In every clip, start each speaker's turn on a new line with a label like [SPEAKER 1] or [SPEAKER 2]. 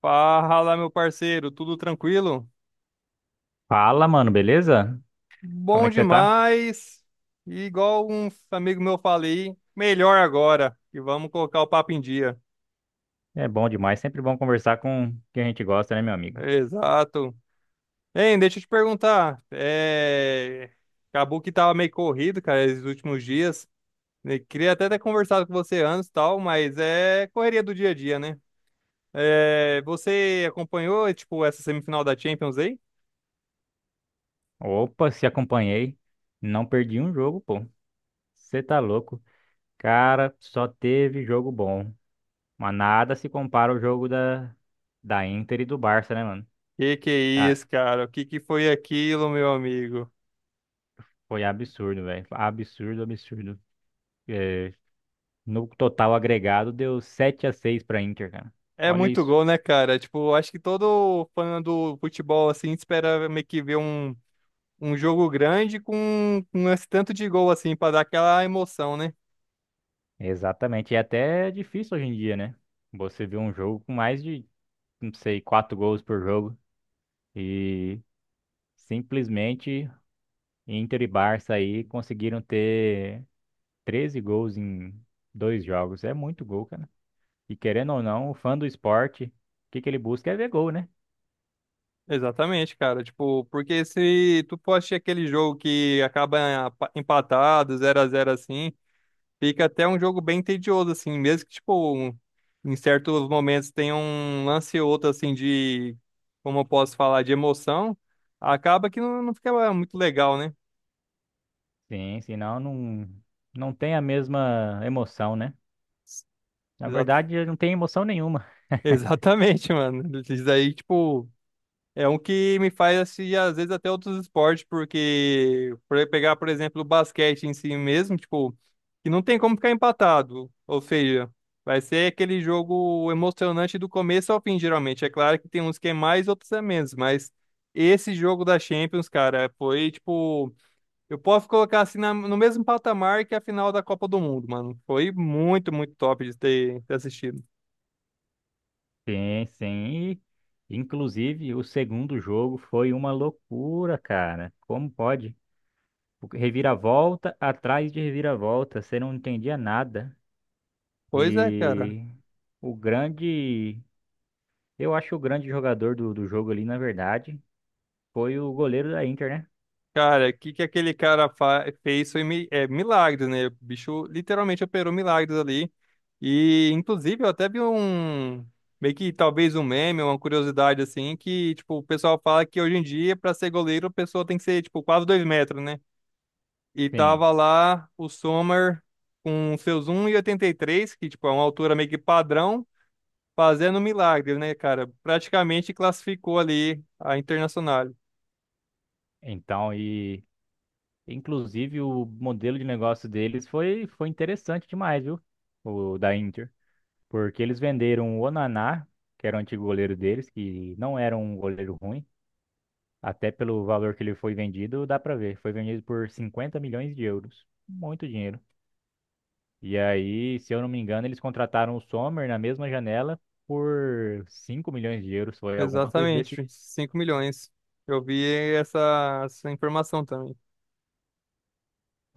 [SPEAKER 1] Fala, meu parceiro, tudo tranquilo?
[SPEAKER 2] Fala, mano, beleza? Como é
[SPEAKER 1] Bom
[SPEAKER 2] que você tá?
[SPEAKER 1] demais. E igual um amigo meu falei, melhor agora. E vamos colocar o papo em dia.
[SPEAKER 2] É bom demais, sempre bom conversar com quem a gente gosta, né, meu amigo?
[SPEAKER 1] Exato. Hein, deixa eu te perguntar. Acabou que tava meio corrido, cara, esses últimos dias. Eu queria até ter conversado com você antes e tal, mas é correria do dia a dia, né? Você acompanhou, tipo, essa semifinal da Champions aí?
[SPEAKER 2] Opa, se acompanhei, não perdi um jogo, pô. Você tá louco? Cara, só teve jogo bom. Mas nada se compara ao jogo da Inter e do Barça, né, mano?
[SPEAKER 1] Que é
[SPEAKER 2] Ah,
[SPEAKER 1] isso, cara? O que que foi aquilo, meu amigo?
[SPEAKER 2] foi absurdo, velho. Absurdo, absurdo. É, no total agregado deu 7-6 pra Inter, cara.
[SPEAKER 1] É
[SPEAKER 2] Olha
[SPEAKER 1] muito
[SPEAKER 2] isso.
[SPEAKER 1] gol, né, cara? Tipo, acho que todo fã do futebol, assim, espera meio que ver um jogo grande com esse tanto de gol, assim, pra dar aquela emoção, né?
[SPEAKER 2] Exatamente. E até é difícil hoje em dia, né? Você vê um jogo com mais de não sei, quatro gols por jogo. E simplesmente Inter e Barça aí conseguiram ter 13 gols em dois jogos. É muito gol, cara. E querendo ou não, o fã do esporte, o que que ele busca é ver gol, né?
[SPEAKER 1] Exatamente, cara. Tipo, porque se tu for assistir aquele jogo que acaba empatado, 0-0 assim, fica até um jogo bem tedioso, assim, mesmo que, tipo, em certos momentos tenha um lance ou outro, assim, de, como eu posso falar, de emoção, acaba que não fica muito legal, né?
[SPEAKER 2] Sim, senão não tem a mesma emoção, né? Na verdade, não tem emoção nenhuma.
[SPEAKER 1] Exatamente, mano. Isso daí, tipo, é um que me faz assim, às vezes até outros esportes, porque por pegar, por exemplo, o basquete em si mesmo, tipo, que não tem como ficar empatado. Ou seja, vai ser aquele jogo emocionante do começo ao fim, geralmente. É claro que tem uns que é mais, outros é menos, mas esse jogo da Champions, cara, foi tipo, eu posso colocar assim no mesmo patamar que a final da Copa do Mundo, mano. Foi muito, muito top de ter assistido.
[SPEAKER 2] Sim, sim. E, inclusive, o segundo jogo foi uma loucura, cara. Como pode? Reviravolta atrás de reviravolta, você não entendia nada.
[SPEAKER 1] Pois é, cara.
[SPEAKER 2] E o grande, eu acho que o grande jogador do jogo ali, na verdade, foi o goleiro da Inter, né?
[SPEAKER 1] Cara, o que que aquele cara fez foi milagres, né? O bicho literalmente operou milagres ali. E, inclusive, eu até vi um. Meio que talvez um meme, uma curiosidade assim, que, tipo, o pessoal fala que hoje em dia, pra ser goleiro, a pessoa tem que ser, tipo, quase 2 metros, né? E
[SPEAKER 2] Sim.
[SPEAKER 1] tava lá o Sommer com seus um e oitenta e três que, tipo, é uma altura meio que padrão, fazendo milagres, né, cara? Praticamente classificou ali a Internacional.
[SPEAKER 2] Então, e inclusive o modelo de negócio deles foi interessante demais, viu? O da Inter. Porque eles venderam o Onaná, que era o antigo goleiro deles, que não era um goleiro ruim. Até pelo valor que ele foi vendido, dá pra ver. Foi vendido por 50 milhões de euros. Muito dinheiro. E aí, se eu não me engano, eles contrataram o Sommer na mesma janela por 5 milhões de euros. Foi alguma coisa desse.
[SPEAKER 1] Exatamente, 5 milhões. Eu vi essa informação também.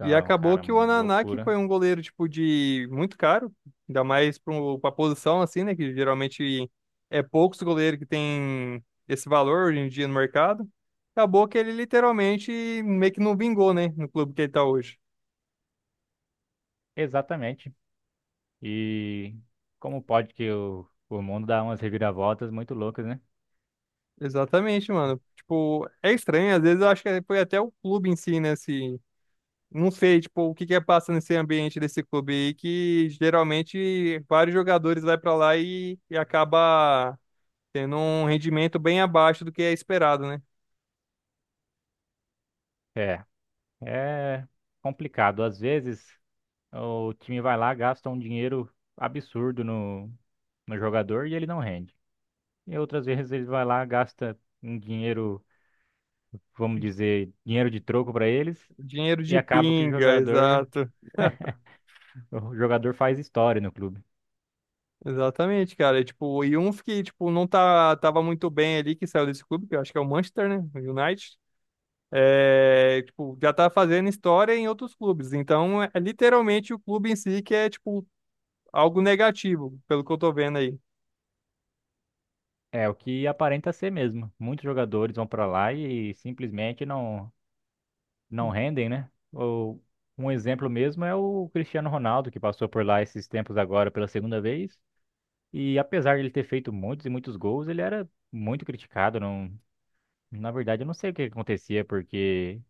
[SPEAKER 1] E acabou
[SPEAKER 2] cara,
[SPEAKER 1] que o Onaná, que
[SPEAKER 2] loucura.
[SPEAKER 1] foi um goleiro tipo de muito caro, ainda mais para a posição assim, né, que geralmente é poucos goleiros que tem esse valor hoje em dia no mercado. Acabou que ele literalmente meio que não vingou, né, no clube que ele tá hoje.
[SPEAKER 2] Exatamente. E como pode que o mundo dá umas reviravoltas muito loucas, né?
[SPEAKER 1] Exatamente, mano. Tipo, é estranho, às vezes eu acho que foi até o clube em si, né, se não sei, tipo, o que que é passa nesse ambiente desse clube aí, que geralmente vários jogadores vai pra lá e acaba tendo um rendimento bem abaixo do que é esperado, né?
[SPEAKER 2] É, é complicado, Às vezes, o time vai lá, gasta um dinheiro absurdo no jogador e ele não rende. E outras vezes ele vai lá, gasta um dinheiro, vamos dizer, dinheiro de troco para eles.
[SPEAKER 1] Dinheiro
[SPEAKER 2] E
[SPEAKER 1] de
[SPEAKER 2] acaba que o
[SPEAKER 1] pinga,
[SPEAKER 2] jogador,
[SPEAKER 1] exato.
[SPEAKER 2] o jogador faz história no clube.
[SPEAKER 1] Exatamente, cara. E, tipo, e um que, tipo, não tá, tava muito bem ali, que saiu desse clube, que eu acho que é o Manchester, né? O United. É, tipo, já tá fazendo história em outros clubes. Então, é literalmente o clube em si que é, tipo, algo negativo, pelo que eu tô vendo aí.
[SPEAKER 2] É o que aparenta ser mesmo. Muitos jogadores vão para lá e simplesmente não rendem, né? Ou um exemplo mesmo é o Cristiano Ronaldo, que passou por lá esses tempos agora pela segunda vez. E apesar de ele ter feito muitos e muitos gols, ele era muito criticado. Não, na verdade, eu não sei o que acontecia, porque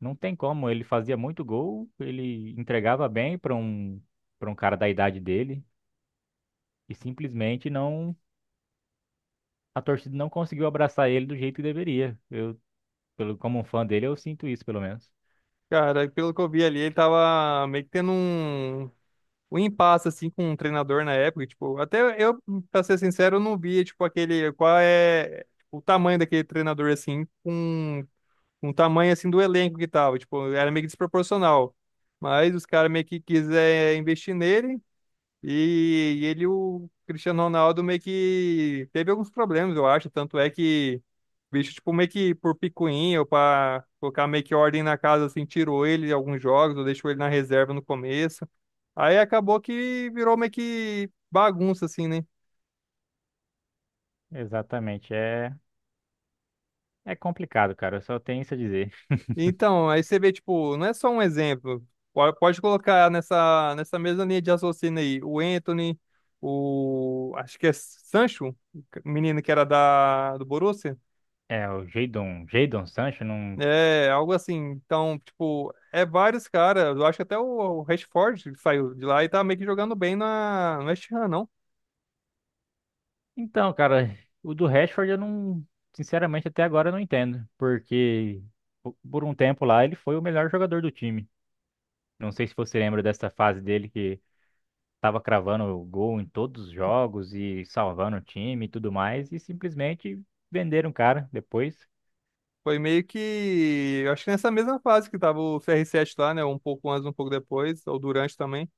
[SPEAKER 2] não tem como. Ele fazia muito gol, ele entregava bem para um cara da idade dele e simplesmente não a torcida não conseguiu abraçar ele do jeito que deveria. Como um fã dele, eu sinto isso, pelo menos.
[SPEAKER 1] Cara, pelo que eu vi ali, ele tava meio que tendo um impasse, assim, com um treinador na época. Tipo, até eu, pra ser sincero, eu não via, tipo, aquele, qual é tipo, o tamanho daquele treinador, assim, com o tamanho, assim, do elenco que tava. Tipo, era meio que desproporcional. Mas os caras meio que quiser investir nele, e ele, o Cristiano Ronaldo, meio que teve alguns problemas, eu acho. Tanto é que o bicho, tipo, meio que por picuinha ou pra colocar meio que ordem na casa, assim, tirou ele de alguns jogos ou deixou ele na reserva no começo. Aí acabou que virou meio que bagunça, assim, né?
[SPEAKER 2] Exatamente, é complicado, cara. Eu só tenho isso a dizer.
[SPEAKER 1] Então, aí você vê, tipo, não é só um exemplo. Pode colocar nessa, mesma linha de raciocínio aí o Anthony, o. Acho que é Sancho, o menino que era da, do Borussia.
[SPEAKER 2] É, o Jadon Sancho não.
[SPEAKER 1] É, algo assim. Então, tipo, é vários caras. Eu acho que até o Rashford saiu de lá e tá meio que jogando bem na, no West Ham, não?
[SPEAKER 2] Então, cara, o do Rashford eu não. Sinceramente, até agora eu não entendo. Porque por um tempo lá ele foi o melhor jogador do time. Não sei se você lembra dessa fase dele que tava cravando o gol em todos os jogos e salvando o time e tudo mais. E simplesmente venderam o cara depois.
[SPEAKER 1] Foi meio que. Eu acho que nessa mesma fase que tava o CR7 lá, né? Um pouco antes, um pouco depois, ou durante também.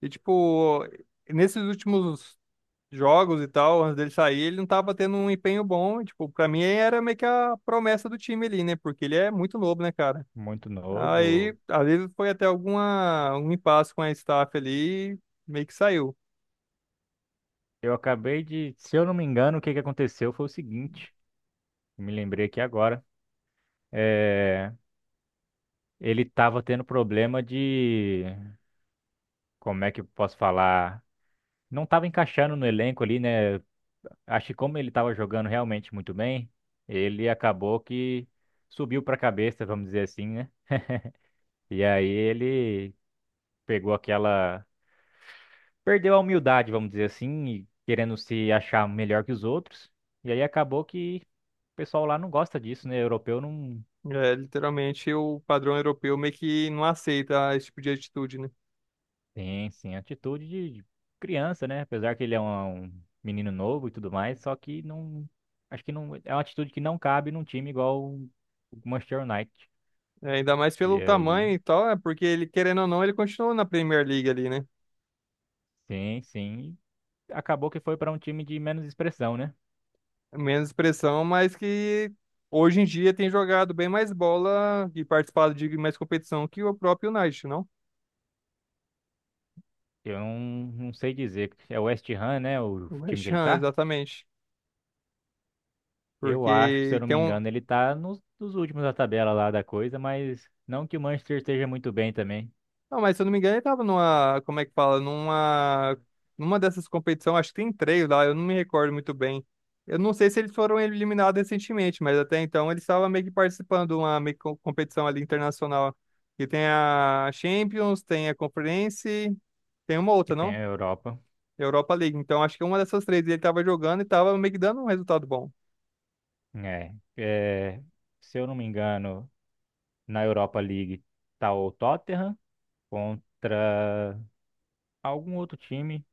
[SPEAKER 1] E, tipo, nesses últimos jogos e tal, antes dele sair, ele não tava tendo um empenho bom. E, tipo, pra mim era meio que a promessa do time ali, né? Porque ele é muito novo, né, cara?
[SPEAKER 2] Muito
[SPEAKER 1] Aí,
[SPEAKER 2] novo.
[SPEAKER 1] às vezes foi até alguma, algum impasse com a staff ali. Meio que saiu.
[SPEAKER 2] Se eu não me engano, o que que aconteceu foi o seguinte, me lembrei aqui agora. É, ele tava tendo problema de, como é que eu posso falar? Não tava encaixando no elenco ali, né? Acho que como ele tava jogando realmente muito bem, ele acabou que subiu pra cabeça, vamos dizer assim, né? E aí ele pegou aquela, perdeu a humildade, vamos dizer assim, e querendo se achar melhor que os outros. E aí acabou que o pessoal lá não gosta disso, né? Europeu não
[SPEAKER 1] É, literalmente o padrão europeu meio que não aceita esse tipo de atitude, né?
[SPEAKER 2] tem, sim, atitude de criança, né? Apesar que ele é um menino novo e tudo mais, só que não. Acho que não. É uma atitude que não cabe num time igual o Manchester United.
[SPEAKER 1] É, ainda mais pelo
[SPEAKER 2] E
[SPEAKER 1] tamanho
[SPEAKER 2] aí,
[SPEAKER 1] e tal, é porque ele, querendo ou não, ele continua na Premier League ali, né?
[SPEAKER 2] sim, sim. Acabou que foi para um time de menos expressão, né?
[SPEAKER 1] Menos pressão, mas que hoje em dia tem jogado bem mais bola e participado de mais competição que o próprio United, não?
[SPEAKER 2] Eu não sei dizer. É o West Ham, né? O
[SPEAKER 1] O
[SPEAKER 2] time que
[SPEAKER 1] West
[SPEAKER 2] ele
[SPEAKER 1] Ham,
[SPEAKER 2] tá?
[SPEAKER 1] exatamente.
[SPEAKER 2] Eu acho, se eu
[SPEAKER 1] Porque
[SPEAKER 2] não
[SPEAKER 1] tem
[SPEAKER 2] me
[SPEAKER 1] um,
[SPEAKER 2] engano, ele tá nos últimos da tabela lá da coisa, mas não que o Manchester esteja muito bem também.
[SPEAKER 1] não, mas se eu não me engano, ele tava numa, como é que fala, numa dessas competições, acho que tem três lá, eu não me recordo muito bem. Eu não sei se eles foram eliminados recentemente, mas até então eles estavam meio que participando de uma meio que competição ali internacional. E tem a Champions, tem a Conference, tem uma
[SPEAKER 2] E
[SPEAKER 1] outra,
[SPEAKER 2] tem
[SPEAKER 1] não?
[SPEAKER 2] a Europa.
[SPEAKER 1] Europa League. Então acho que uma dessas três ele tava jogando e tava meio que dando um resultado bom.
[SPEAKER 2] É, é, se eu não me engano, na Europa League tá o Tottenham contra algum outro time,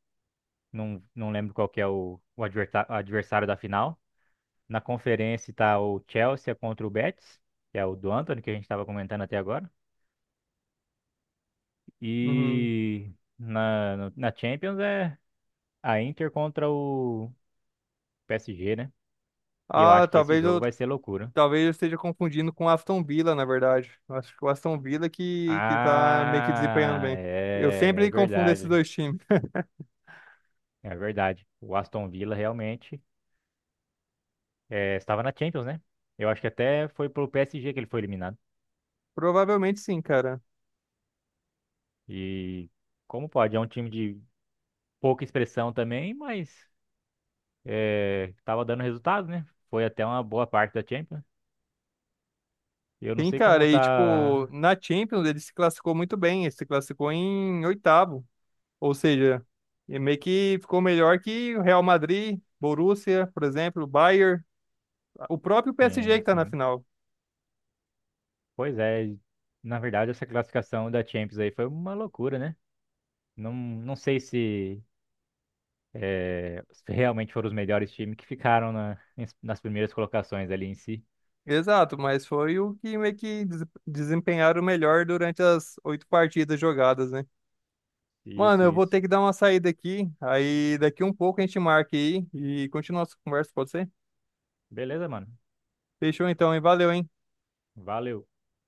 [SPEAKER 2] não lembro qual que é o adversário da final. Na conferência tá o Chelsea contra o Betis, que é o do Antony que a gente estava comentando até agora.
[SPEAKER 1] Uhum.
[SPEAKER 2] E na, no- na Champions é a Inter contra o PSG, né? E eu
[SPEAKER 1] Ah,
[SPEAKER 2] acho que esse
[SPEAKER 1] talvez
[SPEAKER 2] jogo
[SPEAKER 1] eu
[SPEAKER 2] vai ser loucura.
[SPEAKER 1] Talvez eu esteja confundindo com o Aston Villa, na verdade. Eu acho que o Aston Villa que tá meio que desempenhando
[SPEAKER 2] Ah,
[SPEAKER 1] bem. Eu
[SPEAKER 2] é
[SPEAKER 1] sempre confundo esses
[SPEAKER 2] verdade.
[SPEAKER 1] dois times.
[SPEAKER 2] É verdade. O Aston Villa realmente estava na Champions, né? Eu acho que até foi pro PSG que ele foi eliminado.
[SPEAKER 1] Provavelmente sim, cara.
[SPEAKER 2] E como pode? É um time de pouca expressão também, mas estava dando resultado, né? Foi até uma boa parte da Champions. Eu não
[SPEAKER 1] Sim,
[SPEAKER 2] sei
[SPEAKER 1] cara.
[SPEAKER 2] como
[SPEAKER 1] E, tipo,
[SPEAKER 2] tá.
[SPEAKER 1] na Champions ele se classificou muito bem. Ele se classificou em oitavo. Ou seja, e meio que ficou melhor que o Real Madrid, Borussia, por exemplo, Bayern, o próprio PSG
[SPEAKER 2] Sim,
[SPEAKER 1] que tá na
[SPEAKER 2] sim.
[SPEAKER 1] final.
[SPEAKER 2] Pois é. Na verdade, essa classificação da Champions aí foi uma loucura, né? Não, não sei se, se realmente foram os melhores times que ficaram nas primeiras colocações ali em si.
[SPEAKER 1] Exato, mas foi o que meio que desempenharam melhor durante as 8 partidas jogadas, né? Mano,
[SPEAKER 2] Isso,
[SPEAKER 1] eu vou
[SPEAKER 2] isso.
[SPEAKER 1] ter que dar uma saída aqui. Aí daqui um pouco a gente marca aí e continua a nossa conversa, pode ser?
[SPEAKER 2] Beleza, mano.
[SPEAKER 1] Fechou então, hein? Valeu, hein?
[SPEAKER 2] Valeu.